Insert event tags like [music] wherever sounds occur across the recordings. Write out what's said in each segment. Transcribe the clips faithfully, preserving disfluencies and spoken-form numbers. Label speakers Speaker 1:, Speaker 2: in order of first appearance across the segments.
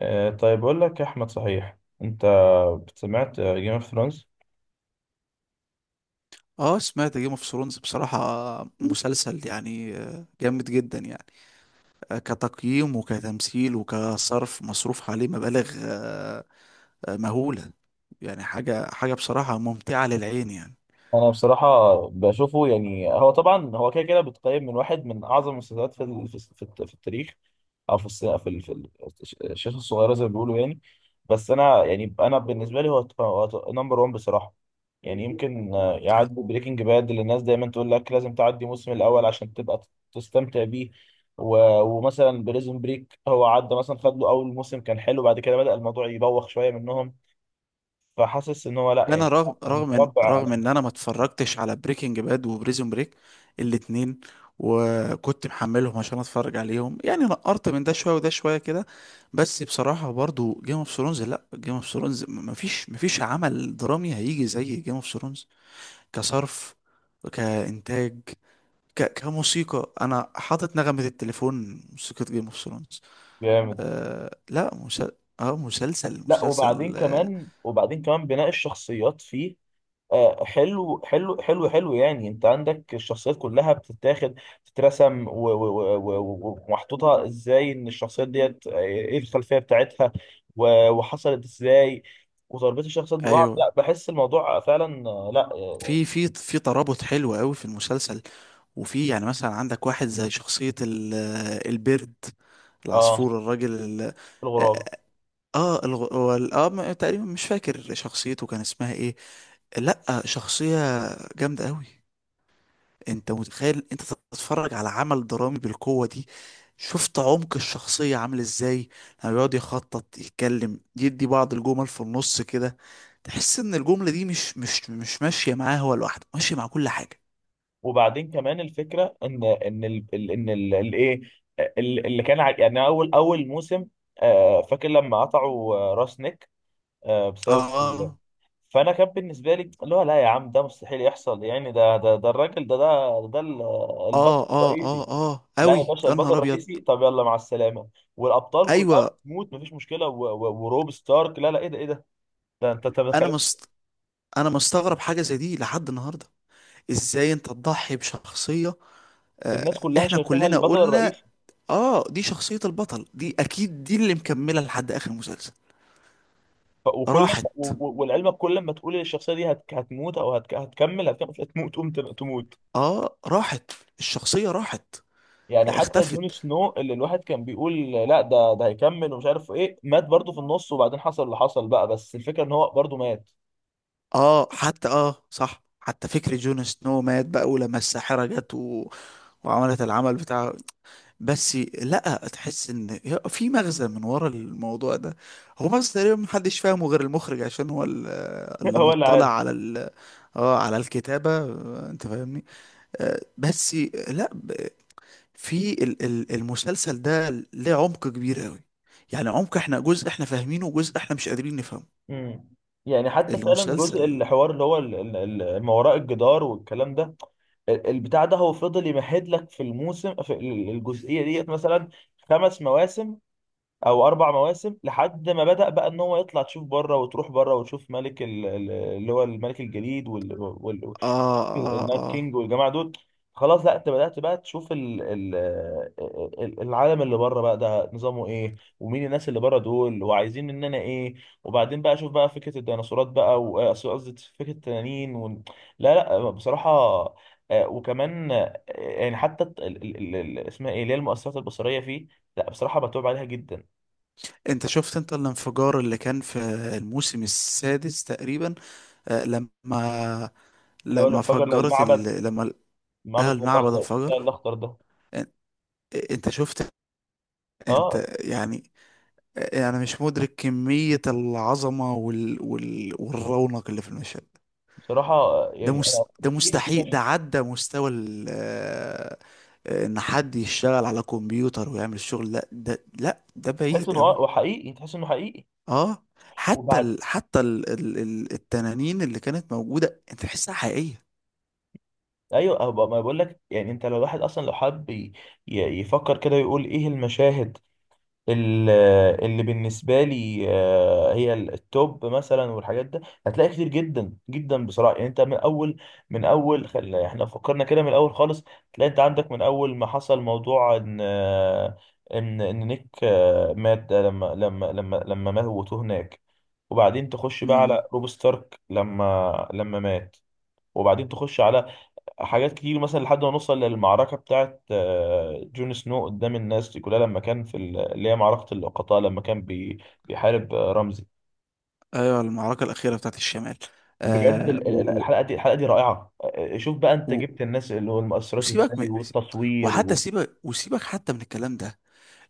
Speaker 1: آه، طيب أقول لك يا أحمد، صحيح أنت سمعت جيم اوف ثرونز؟
Speaker 2: اه، سمعت جيم اوف ثرونز. بصراحة مسلسل، يعني آه، جامد جدا يعني. آه، كتقييم وكتمثيل وكصرف، مصروف عليه مبالغ آه، آه، مهولة. يعني حاجة حاجة بصراحة ممتعة للعين يعني.
Speaker 1: انا بصراحه بشوفه، يعني هو طبعا هو كده كده بيتقيم من واحد من اعظم المسلسلات في ال- في في الت- في التاريخ، او في الس- في ال- في ال- الش- الشاشه الصغيره زي ما بيقولوا يعني. بس انا، يعني انا بالنسبه لي هو نمبر واحد بصراحه. يعني يمكن آه، يعدي بريكنج باد، اللي الناس دايما تقول لك لازم تعدي الموسم الاول عشان تبقى تستمتع بيه، و- ومثلا بريزون بريك هو عدى، مثلا خد له اول موسم كان حلو، بعد كده بدأ الموضوع يبوخ شويه منهم، فحاسس ان هو لا
Speaker 2: انا
Speaker 1: يعني
Speaker 2: رغم رغم ان
Speaker 1: متربع على.
Speaker 2: رغم ان انا ما اتفرجتش على بريكنج باد وبريزون بريك الاتنين، وكنت محملهم عشان اتفرج عليهم، يعني نقرت من ده شوية وده شوية كده. بس بصراحة برضو جيم اوف ثرونز لا جيم اوف ثرونز مفيش مفيش عمل درامي هيجي زي جيم اوف ثرونز. كصرف، كإنتاج، ك... كموسيقى. أنا حاطط نغمة التليفون موسيقى جيم اوف ثرونز.
Speaker 1: جامد.
Speaker 2: آه... لا مسل... اه مسلسل
Speaker 1: لا،
Speaker 2: مسلسل
Speaker 1: وبعدين
Speaker 2: آه...
Speaker 1: كمان وبعدين كمان بناء الشخصيات فيه آه، حلو حلو حلو حلو، يعني انت عندك الشخصيات كلها بتتاخد تترسم و- و- و- و- ومحطوطها ازاي، ان الشخصيات ديت آه، ايه الخلفية بتاعتها و- وحصلت ازاي، وتربط الشخصيات ببعض، لا
Speaker 2: ايوه،
Speaker 1: بحس الموضوع فعلا، آه، لا اه
Speaker 2: في في في ترابط حلو قوي في المسلسل. وفي يعني مثلا عندك واحد زي شخصية ال... آه، البرد،
Speaker 1: آه،
Speaker 2: العصفور، الراجل ال... اه
Speaker 1: في الغراب.
Speaker 2: آه، آه، الغ... هو ال- اه م- تقريبا مش فاكر شخصيته كان اسمها ايه. لا، شخصية جامدة قوي. انت متخيل انت تتفرج على عمل درامي بالقوة دي؟ شفت عمق الشخصية عامل ازاي؟ لما بيقعد يخطط، يتكلم، يدي بعض الجمل في النص كده، تحس ان الجملة دي مش مش مش ماشية معاه هو لوحده، ماشية مع كل حاجة.
Speaker 1: وبعدين كمان الفكرة ان ان ال ال- ان ال- الايه ال- اللي كان ع- يعني اول اول موسم، آه، فاكر لما قطعوا آه، راس نيك آه، بسبب ال-
Speaker 2: اه،
Speaker 1: فانا كان بالنسبه لي اللي هو لا يا عم، ده مستحيل يحصل، يعني ده ده ده الراجل ده ده ده ال-
Speaker 2: اه،
Speaker 1: البطل
Speaker 2: اه، اه،
Speaker 1: الرئيسي.
Speaker 2: اه،
Speaker 1: لا يا
Speaker 2: اوي
Speaker 1: باشا،
Speaker 2: يا
Speaker 1: البطل
Speaker 2: نهار ابيض.
Speaker 1: الرئيسي طب يلا مع السلامه، والابطال كلها
Speaker 2: ايوه.
Speaker 1: بتموت، مفيش مشكله، و- و- وروب ستارك، لا لا، ايه ده، ايه ده، ده انت انت
Speaker 2: انا
Speaker 1: بتخلي-
Speaker 2: مست... انا مستغرب حاجة زي دي لحد النهاردة. ازاي انت تضحي بشخصية؟
Speaker 1: الناس
Speaker 2: آه
Speaker 1: كلها
Speaker 2: احنا
Speaker 1: شايفاها
Speaker 2: كلنا
Speaker 1: البطل
Speaker 2: قلنا
Speaker 1: الرئيسي.
Speaker 2: اه، دي شخصية البطل، دي اكيد دي اللي مكملة لحد اخر المسلسل.
Speaker 1: ف- وكل ما-
Speaker 2: راحت.
Speaker 1: و- و- والعلم، كل ما تقول الشخصيه دي هت- هتموت او هت- هتكمل هتكمل هتموت، تقوم تم- تموت.
Speaker 2: اه، راحت. الشخصية راحت،
Speaker 1: يعني حتى جون
Speaker 2: اختفت.
Speaker 1: سنو، اللي الواحد كان بيقول لا ده ده هيكمل، ومش عارف ايه، مات برضه في النص، وبعدين حصل اللي حصل بقى، بس الفكره ان هو برضه مات.
Speaker 2: اه، حتى اه، صح، حتى فكرة جون سنو مات بقى ولما الساحرة جت و... وعملت العمل بتاعه. بس لا، تحس ان في مغزى من ورا الموضوع ده. هو مغزى تقريبا محدش فاهمه غير المخرج، عشان هو ال-
Speaker 1: [laughs]
Speaker 2: اللي
Speaker 1: هو اللي
Speaker 2: مطلع
Speaker 1: عارف.
Speaker 2: على ال... اه على الكتابة. آه، انت فاهمني. آه، بس لا، في ال- ال- المسلسل ده ليه عمق كبير قوي. يعني عمق احنا جزء احنا فاهمينه وجزء احنا مش قادرين نفهمه.
Speaker 1: امم يعني حتى فعلا جزء
Speaker 2: المسلسل.
Speaker 1: الحوار اللي هو ال- ال- ال- ما وراء الجدار والكلام ده، ال- البتاع ده هو فضل يمهد لك في الموسم، في ال- الجزئيه ديت، مثلا خمس مواسم او اربع مواسم، لحد ما بدأ بقى ان هو يطلع تشوف بره، وتروح بره وتشوف ملك ال- ال- اللي هو الملك الجليد،
Speaker 2: اه، اه،
Speaker 1: النايت
Speaker 2: اه،
Speaker 1: كينج والجماعه دول. خلاص لا، انت بدات بقى تشوف ال ال ال- العالم اللي بره بقى، ده نظامه ايه، ومين الناس اللي بره دول، وعايزين مننا ايه. وبعدين بقى اشوف بقى فكره الديناصورات بقى، و- قصدي قصدي فكره التنانين. و... لا لا بصراحه، آه، وكمان آه، يعني حتى الت- ال- ال- ال- ال- اسمها ايه، اللي هي المؤثرات البصريه فيه، لا بصراحه بتوب عليها جدا.
Speaker 2: انت شفت انت الانفجار اللي كان في الموسم السادس تقريبا؟ آه لما
Speaker 1: اللي هو
Speaker 2: لما
Speaker 1: الانفجار
Speaker 2: فجرت
Speaker 1: المعبد
Speaker 2: ال... لما ال- آه
Speaker 1: المعبد
Speaker 2: المعبد
Speaker 1: الاخضر، بتاع
Speaker 2: انفجر.
Speaker 1: الاخضر ده.
Speaker 2: ان- انت شفت
Speaker 1: اه،
Speaker 2: انت؟ يعني انا مش مدرك كمية العظمة وال... وال... والرونق اللي في المشهد
Speaker 1: بصراحه آه،
Speaker 2: ده
Speaker 1: يعني
Speaker 2: مس...
Speaker 1: انا
Speaker 2: ده
Speaker 1: في في
Speaker 2: مستحيل، ده عدى مستوى ال آه، آه، ان حد يشتغل على كمبيوتر ويعمل الشغل. لا ده، لا ده
Speaker 1: تحس
Speaker 2: بعيد
Speaker 1: انه
Speaker 2: قوي.
Speaker 1: اه وحقيقي، تحس انه حقيقي.
Speaker 2: اه، حتى
Speaker 1: وبعد،
Speaker 2: ال... حتى ال... ال... ال- التنانين اللي كانت موجودة انت تحسها حقيقية.
Speaker 1: ايوه أه، ب- ما بقول لك يعني، انت لو الواحد اصلا لو حب ي- ي- يفكر كده ويقول ايه المشاهد، ال- اللي بالنسبه لي آه، هي ال- التوب مثلا، والحاجات ده هتلاقي كتير جدا جدا بصراحه. يعني انت من اول، من اول خل... احنا لو فكرنا كده من الاول خالص، تلاقي انت عندك من اول ما حصل موضوع ان آه، ان ان نيك آه، مات، ده لما لما لما لما موتوه هناك، وبعدين تخش بقى
Speaker 2: امم.
Speaker 1: على روب ستارك لما لما مات، وبعدين تخش على حاجات كتير مثلا، لحد ما نوصل للمعركة بتاعت آه، جون سنو قدام الناس دي كلها، لما كان في ال- اللي هي معركة اللقطاء، لما كان بي- بيحارب آه، رمزي.
Speaker 2: ايوه، المعركة الأخيرة بتاعت الشمال.
Speaker 1: بجد
Speaker 2: آه
Speaker 1: ال- ال-
Speaker 2: و... و...
Speaker 1: الحلقة دي، الحلقة دي رائعة. آه، آه، شوف بقى انت،
Speaker 2: و...
Speaker 1: جبت الناس اللي هو المؤثرات
Speaker 2: وسيبك من،
Speaker 1: ازاي، والتصوير.
Speaker 2: وحتى
Speaker 1: و...
Speaker 2: سيبك وسيبك حتى من الكلام ده.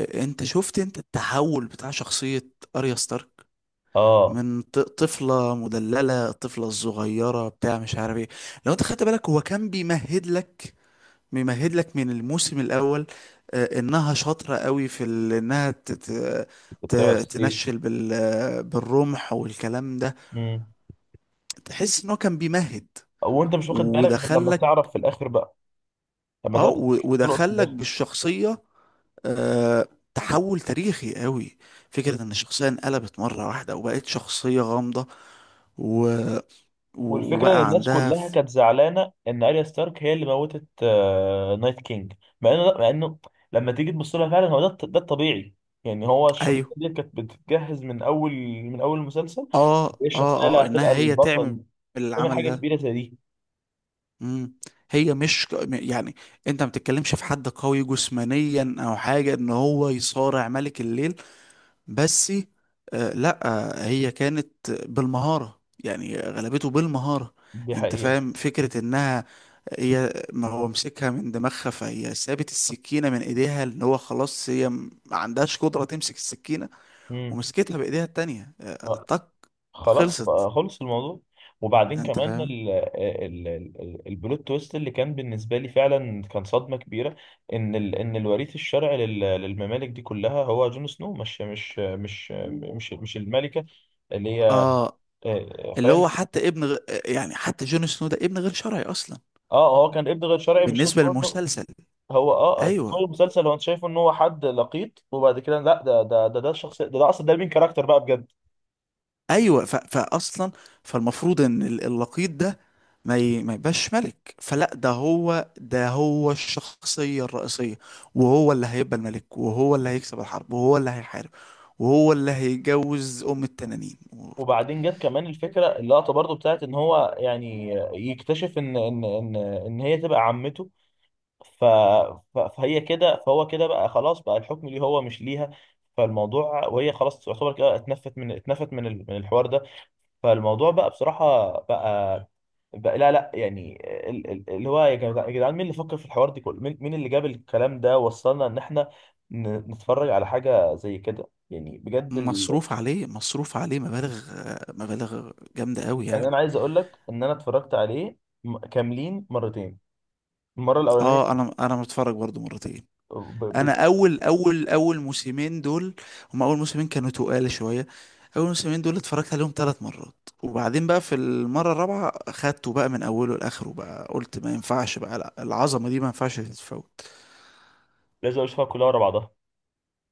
Speaker 2: آه، انت شفت انت التحول بتاع شخصية اريا ستارك؟
Speaker 1: اه،
Speaker 2: من ط- طفلة مدللة، الطفلة الصغيرة بتاع مش عارف ايه. لو انت خدت بالك هو كان بيمهد لك، بيمهد لك من الموسم الأول آه، انها شاطرة قوي في ال- انها ت- ت-
Speaker 1: كنت بتابع
Speaker 2: ت-
Speaker 1: السيف.
Speaker 2: تنشل بال- آه، بالرمح والكلام ده.
Speaker 1: مم.
Speaker 2: تحس ان هو كان بيمهد
Speaker 1: وانت مش واخد بالك غير لما تعرف
Speaker 2: ودخلك.
Speaker 1: في الاخر بقى، لما
Speaker 2: اه، و-
Speaker 1: تلقط.
Speaker 2: ودخلك بالشخصية. آه، تحول تاريخي قوي. فكرة ان الشخصية انقلبت مرة واحدة وبقت شخصية غامضة و... و-
Speaker 1: والفكرة ان
Speaker 2: وبقى
Speaker 1: الناس
Speaker 2: عندها.
Speaker 1: كلها كانت زعلانة ان اريا ستارك هي اللي موتت آه، نايت كينج، مع انه، مع انه لما تيجي تبص لها فعلا، هو ده الط- ده الطبيعي. يعني هو الشخصية
Speaker 2: ايوه،
Speaker 1: دي كانت بتتجهز من اول، من اول المسلسل،
Speaker 2: اه،
Speaker 1: ايه الشخصية اللي
Speaker 2: اه، اه،
Speaker 1: هتبقى
Speaker 2: انها هي تعمل
Speaker 1: البطل، تعمل
Speaker 2: العمل
Speaker 1: حاجة
Speaker 2: ده.
Speaker 1: كبيرة زي دي.
Speaker 2: امم. هي مش ك- م- يعني انت ما بتتكلمش في حد قوي جسمانيا او حاجه ان هو يصارع ملك الليل. بس آه لا، آه هي كانت بالمهاره، يعني غلبته بالمهاره.
Speaker 1: دي
Speaker 2: انت
Speaker 1: حقيقة.
Speaker 2: فاهم فكره انها هي؟ ما هو مسكها من دماغها، فهي سابت السكينه من ايديها ان هو خلاص هي م- ما عندهاش قدره تمسك السكينه،
Speaker 1: امم
Speaker 2: ومسكتها بايديها التانيه. آه، طق،
Speaker 1: خلاص
Speaker 2: خلصت.
Speaker 1: بقى، خلص الموضوع. وبعدين
Speaker 2: انت
Speaker 1: كمان
Speaker 2: فاهم؟
Speaker 1: ال ال ال البلوت تويست اللي كان بالنسبه لي فعلا كان صدمه كبيره، ان ال ان الوريث الشرعي لل- للممالك دي كلها هو جون سنو، مش مش مش مش مش الملكه اللي هي.
Speaker 2: اه،
Speaker 1: آه، آه،
Speaker 2: اللي
Speaker 1: فاهم.
Speaker 2: هو حتى ابن غ... يعني حتى جون سنو ده ابن غير شرعي اصلا
Speaker 1: اه هو كان ابن غير شرعي، مش شرط
Speaker 2: بالنسبه
Speaker 1: برضه.
Speaker 2: للمسلسل.
Speaker 1: هو اه آه، تخيل
Speaker 2: ايوه،
Speaker 1: المسلسل، هو انت شايفه ان هو حد لقيط، وبعد كده لا، ده ده ده ده الشخص ده، ده اصلا ده مين كاركتر بقى بجد.
Speaker 2: ايوه. ف... فاصلا، فالمفروض ان ال- اللقيط ده ما ي... ما يبقاش ملك، فلا، ده هو، ده هو الشخصيه الرئيسيه، وهو اللي هيبقى الملك، وهو اللي هيكسب الحرب، وهو اللي هيحارب، وهو اللي هيجوز ام التنانين و...
Speaker 1: وبعدين جت كمان الفكره، اللقطه برضو بتاعت ان هو يعني يكتشف ان ان ان ان هي تبقى عمته، ف ف- فهي كده، فهو كده بقى خلاص بقى، الحكم ليه هو مش ليها، فالموضوع، وهي خلاص تعتبر كده اتنفت، من اتنفت من ال- من الحوار ده. فالموضوع بقى بصراحه بقى، بقى لا لا يعني ال- ال- اللي هو، يا جدع- يا جدعان، مين اللي فكر في الحوار دي كله، مين مين اللي جاب الكلام ده وصلنا ان احنا ن- نتفرج على حاجه زي كده، يعني بجد.
Speaker 2: مصروف عليه مصروف عليه مبالغ، آه، مبالغ جامده قوي
Speaker 1: يعني
Speaker 2: يعني.
Speaker 1: انا عايز اقول لك ان انا اتفرجت عليه م- كاملين مرتين، المره الاولانيه
Speaker 2: اه، انا انا متفرج برضو مرتين.
Speaker 1: ب... ب...
Speaker 2: انا اول اول اول موسمين دول، هم اول موسمين كانوا تقال شويه. اول موسمين دول اتفرجت عليهم ثلاث مرات، وبعدين بقى في المره الرابعه خدته بقى من اوله لاخره، بقى قلت ما ينفعش بقى، لا، العظمه دي ما ينفعش تتفوت.
Speaker 1: لازم اقول اشوفها كلها ورا بعضها.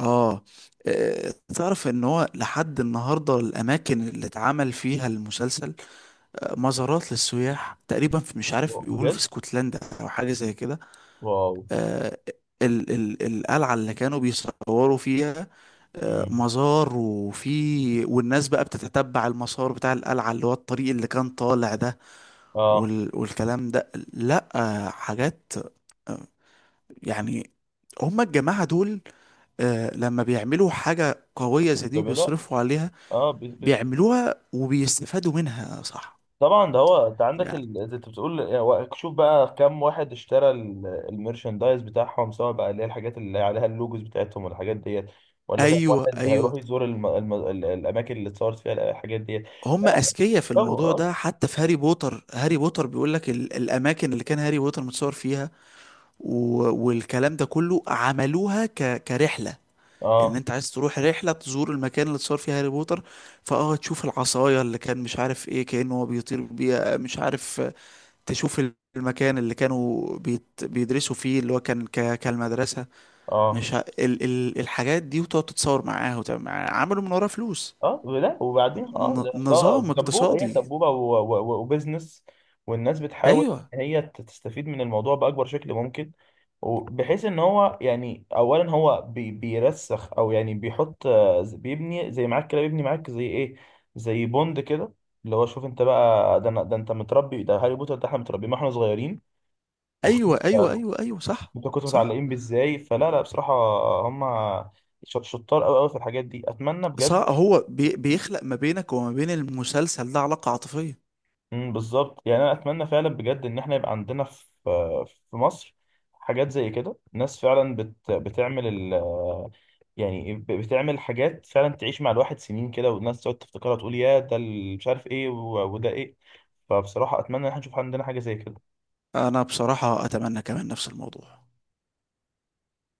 Speaker 2: اه. آه، تعرف ان هو لحد النهارده الاماكن اللي اتعمل فيها المسلسل آه، مزارات للسياح تقريبا في، مش عارف،
Speaker 1: واو،
Speaker 2: بيقولوا
Speaker 1: بجد،
Speaker 2: في اسكتلندا او حاجه زي كده.
Speaker 1: واو.
Speaker 2: آه، ال ال القلعة اللي كانوا بيصوروا فيها آه،
Speaker 1: مم.
Speaker 2: مزار، وفي والناس بقى بتتتبع المسار بتاع القلعة اللي هو الطريق اللي كان طالع ده
Speaker 1: اه،
Speaker 2: وال والكلام ده. لا، آه، حاجات، آه، يعني، هما الجماعة دول، آه، لما بيعملوا حاجة قوية زي دي
Speaker 1: بيعملوها.
Speaker 2: وبيصرفوا عليها،
Speaker 1: اه ب... ب...
Speaker 2: بيعملوها وبيستفادوا منها. صح،
Speaker 1: طبعا، ده هو انت عندك
Speaker 2: يعني.
Speaker 1: ال، زي انت بتقول يعني، و- شوف بقى كم واحد اشترى ال- الميرشندايز بتاعهم، سواء بقى اللي هي الحاجات اللي عليها اللوجوز بتاعتهم والحاجات ديت، ولا كم
Speaker 2: ايوه،
Speaker 1: واحد
Speaker 2: ايوه.
Speaker 1: هيروح يزور الم... الم... ال- الاماكن اللي اتصورت فيها الحاجات ديت. لا
Speaker 2: هم
Speaker 1: لا،
Speaker 2: اذكياء في الموضوع
Speaker 1: طبعا.
Speaker 2: ده. حتى في هاري بوتر، هاري بوتر بيقول لك ال- الاماكن اللي كان هاري بوتر متصور فيها و- والكلام ده كله، عملوها ك... كرحله،
Speaker 1: اه، اه
Speaker 2: ان انت عايز تروح رحله تزور المكان اللي اتصور فيه هاري بوتر، فاه تشوف العصايه اللي كان، مش عارف ايه، كانه هو بيطير بيها، مش عارف. تشوف ال- المكان اللي كانوا بيت... بيدرسوا فيه اللي هو كان ك... كالمدرسه،
Speaker 1: اه
Speaker 2: مش ه... ال... ال... الحاجات دي، وتقعد تتصور معاها وتعمل معاها، عملوا من وراها فلوس.
Speaker 1: اه لا وبعدين، اه
Speaker 2: ن...
Speaker 1: ده اه
Speaker 2: نظام
Speaker 1: سبوبه، هي
Speaker 2: اقتصادي.
Speaker 1: سبوبه و- و- و- وبزنس، والناس بتحاول
Speaker 2: ايوه،
Speaker 1: ان هي ت- تستفيد من الموضوع باكبر شكل ممكن، وبحيث ان هو يعني اولا هو بي بيرسخ، او يعني بيحط آه، ز- بيبني زي معاك كده، بيبني معاك زي ايه، زي بوند كده، اللي هو شوف انت بقى، ده أنا- ده انت متربي، ده هاري بوتر، ده احنا متربيين ما احنا صغيرين، وشوف
Speaker 2: ايوه، ايوه،
Speaker 1: انت
Speaker 2: ايوه، ايوه، صح،
Speaker 1: أنت كنت
Speaker 2: صح،
Speaker 1: متعلقين بيه ازاي، فلا لا بصراحه، هم شط- شطار قوي قوي في الحاجات دي، اتمنى بجد.
Speaker 2: صح. هو بي بيخلق ما بينك وما بين المسلسل ده علاقة عاطفية.
Speaker 1: امم بالظبط، يعني انا اتمنى فعلا بجد ان احنا يبقى عندنا في، في مصر، حاجات زي كده، ناس فعلا بت بتعمل ال، يعني ب- بتعمل حاجات فعلا تعيش مع الواحد سنين كده، والناس تقعد تفتكرها تقول يا ده ال- مش عارف ايه، و- وده ايه، فبصراحة اتمنى ان احنا نشوف عندنا حاجة زي كده.
Speaker 2: انا بصراحة اتمنى كمان نفس الموضوع.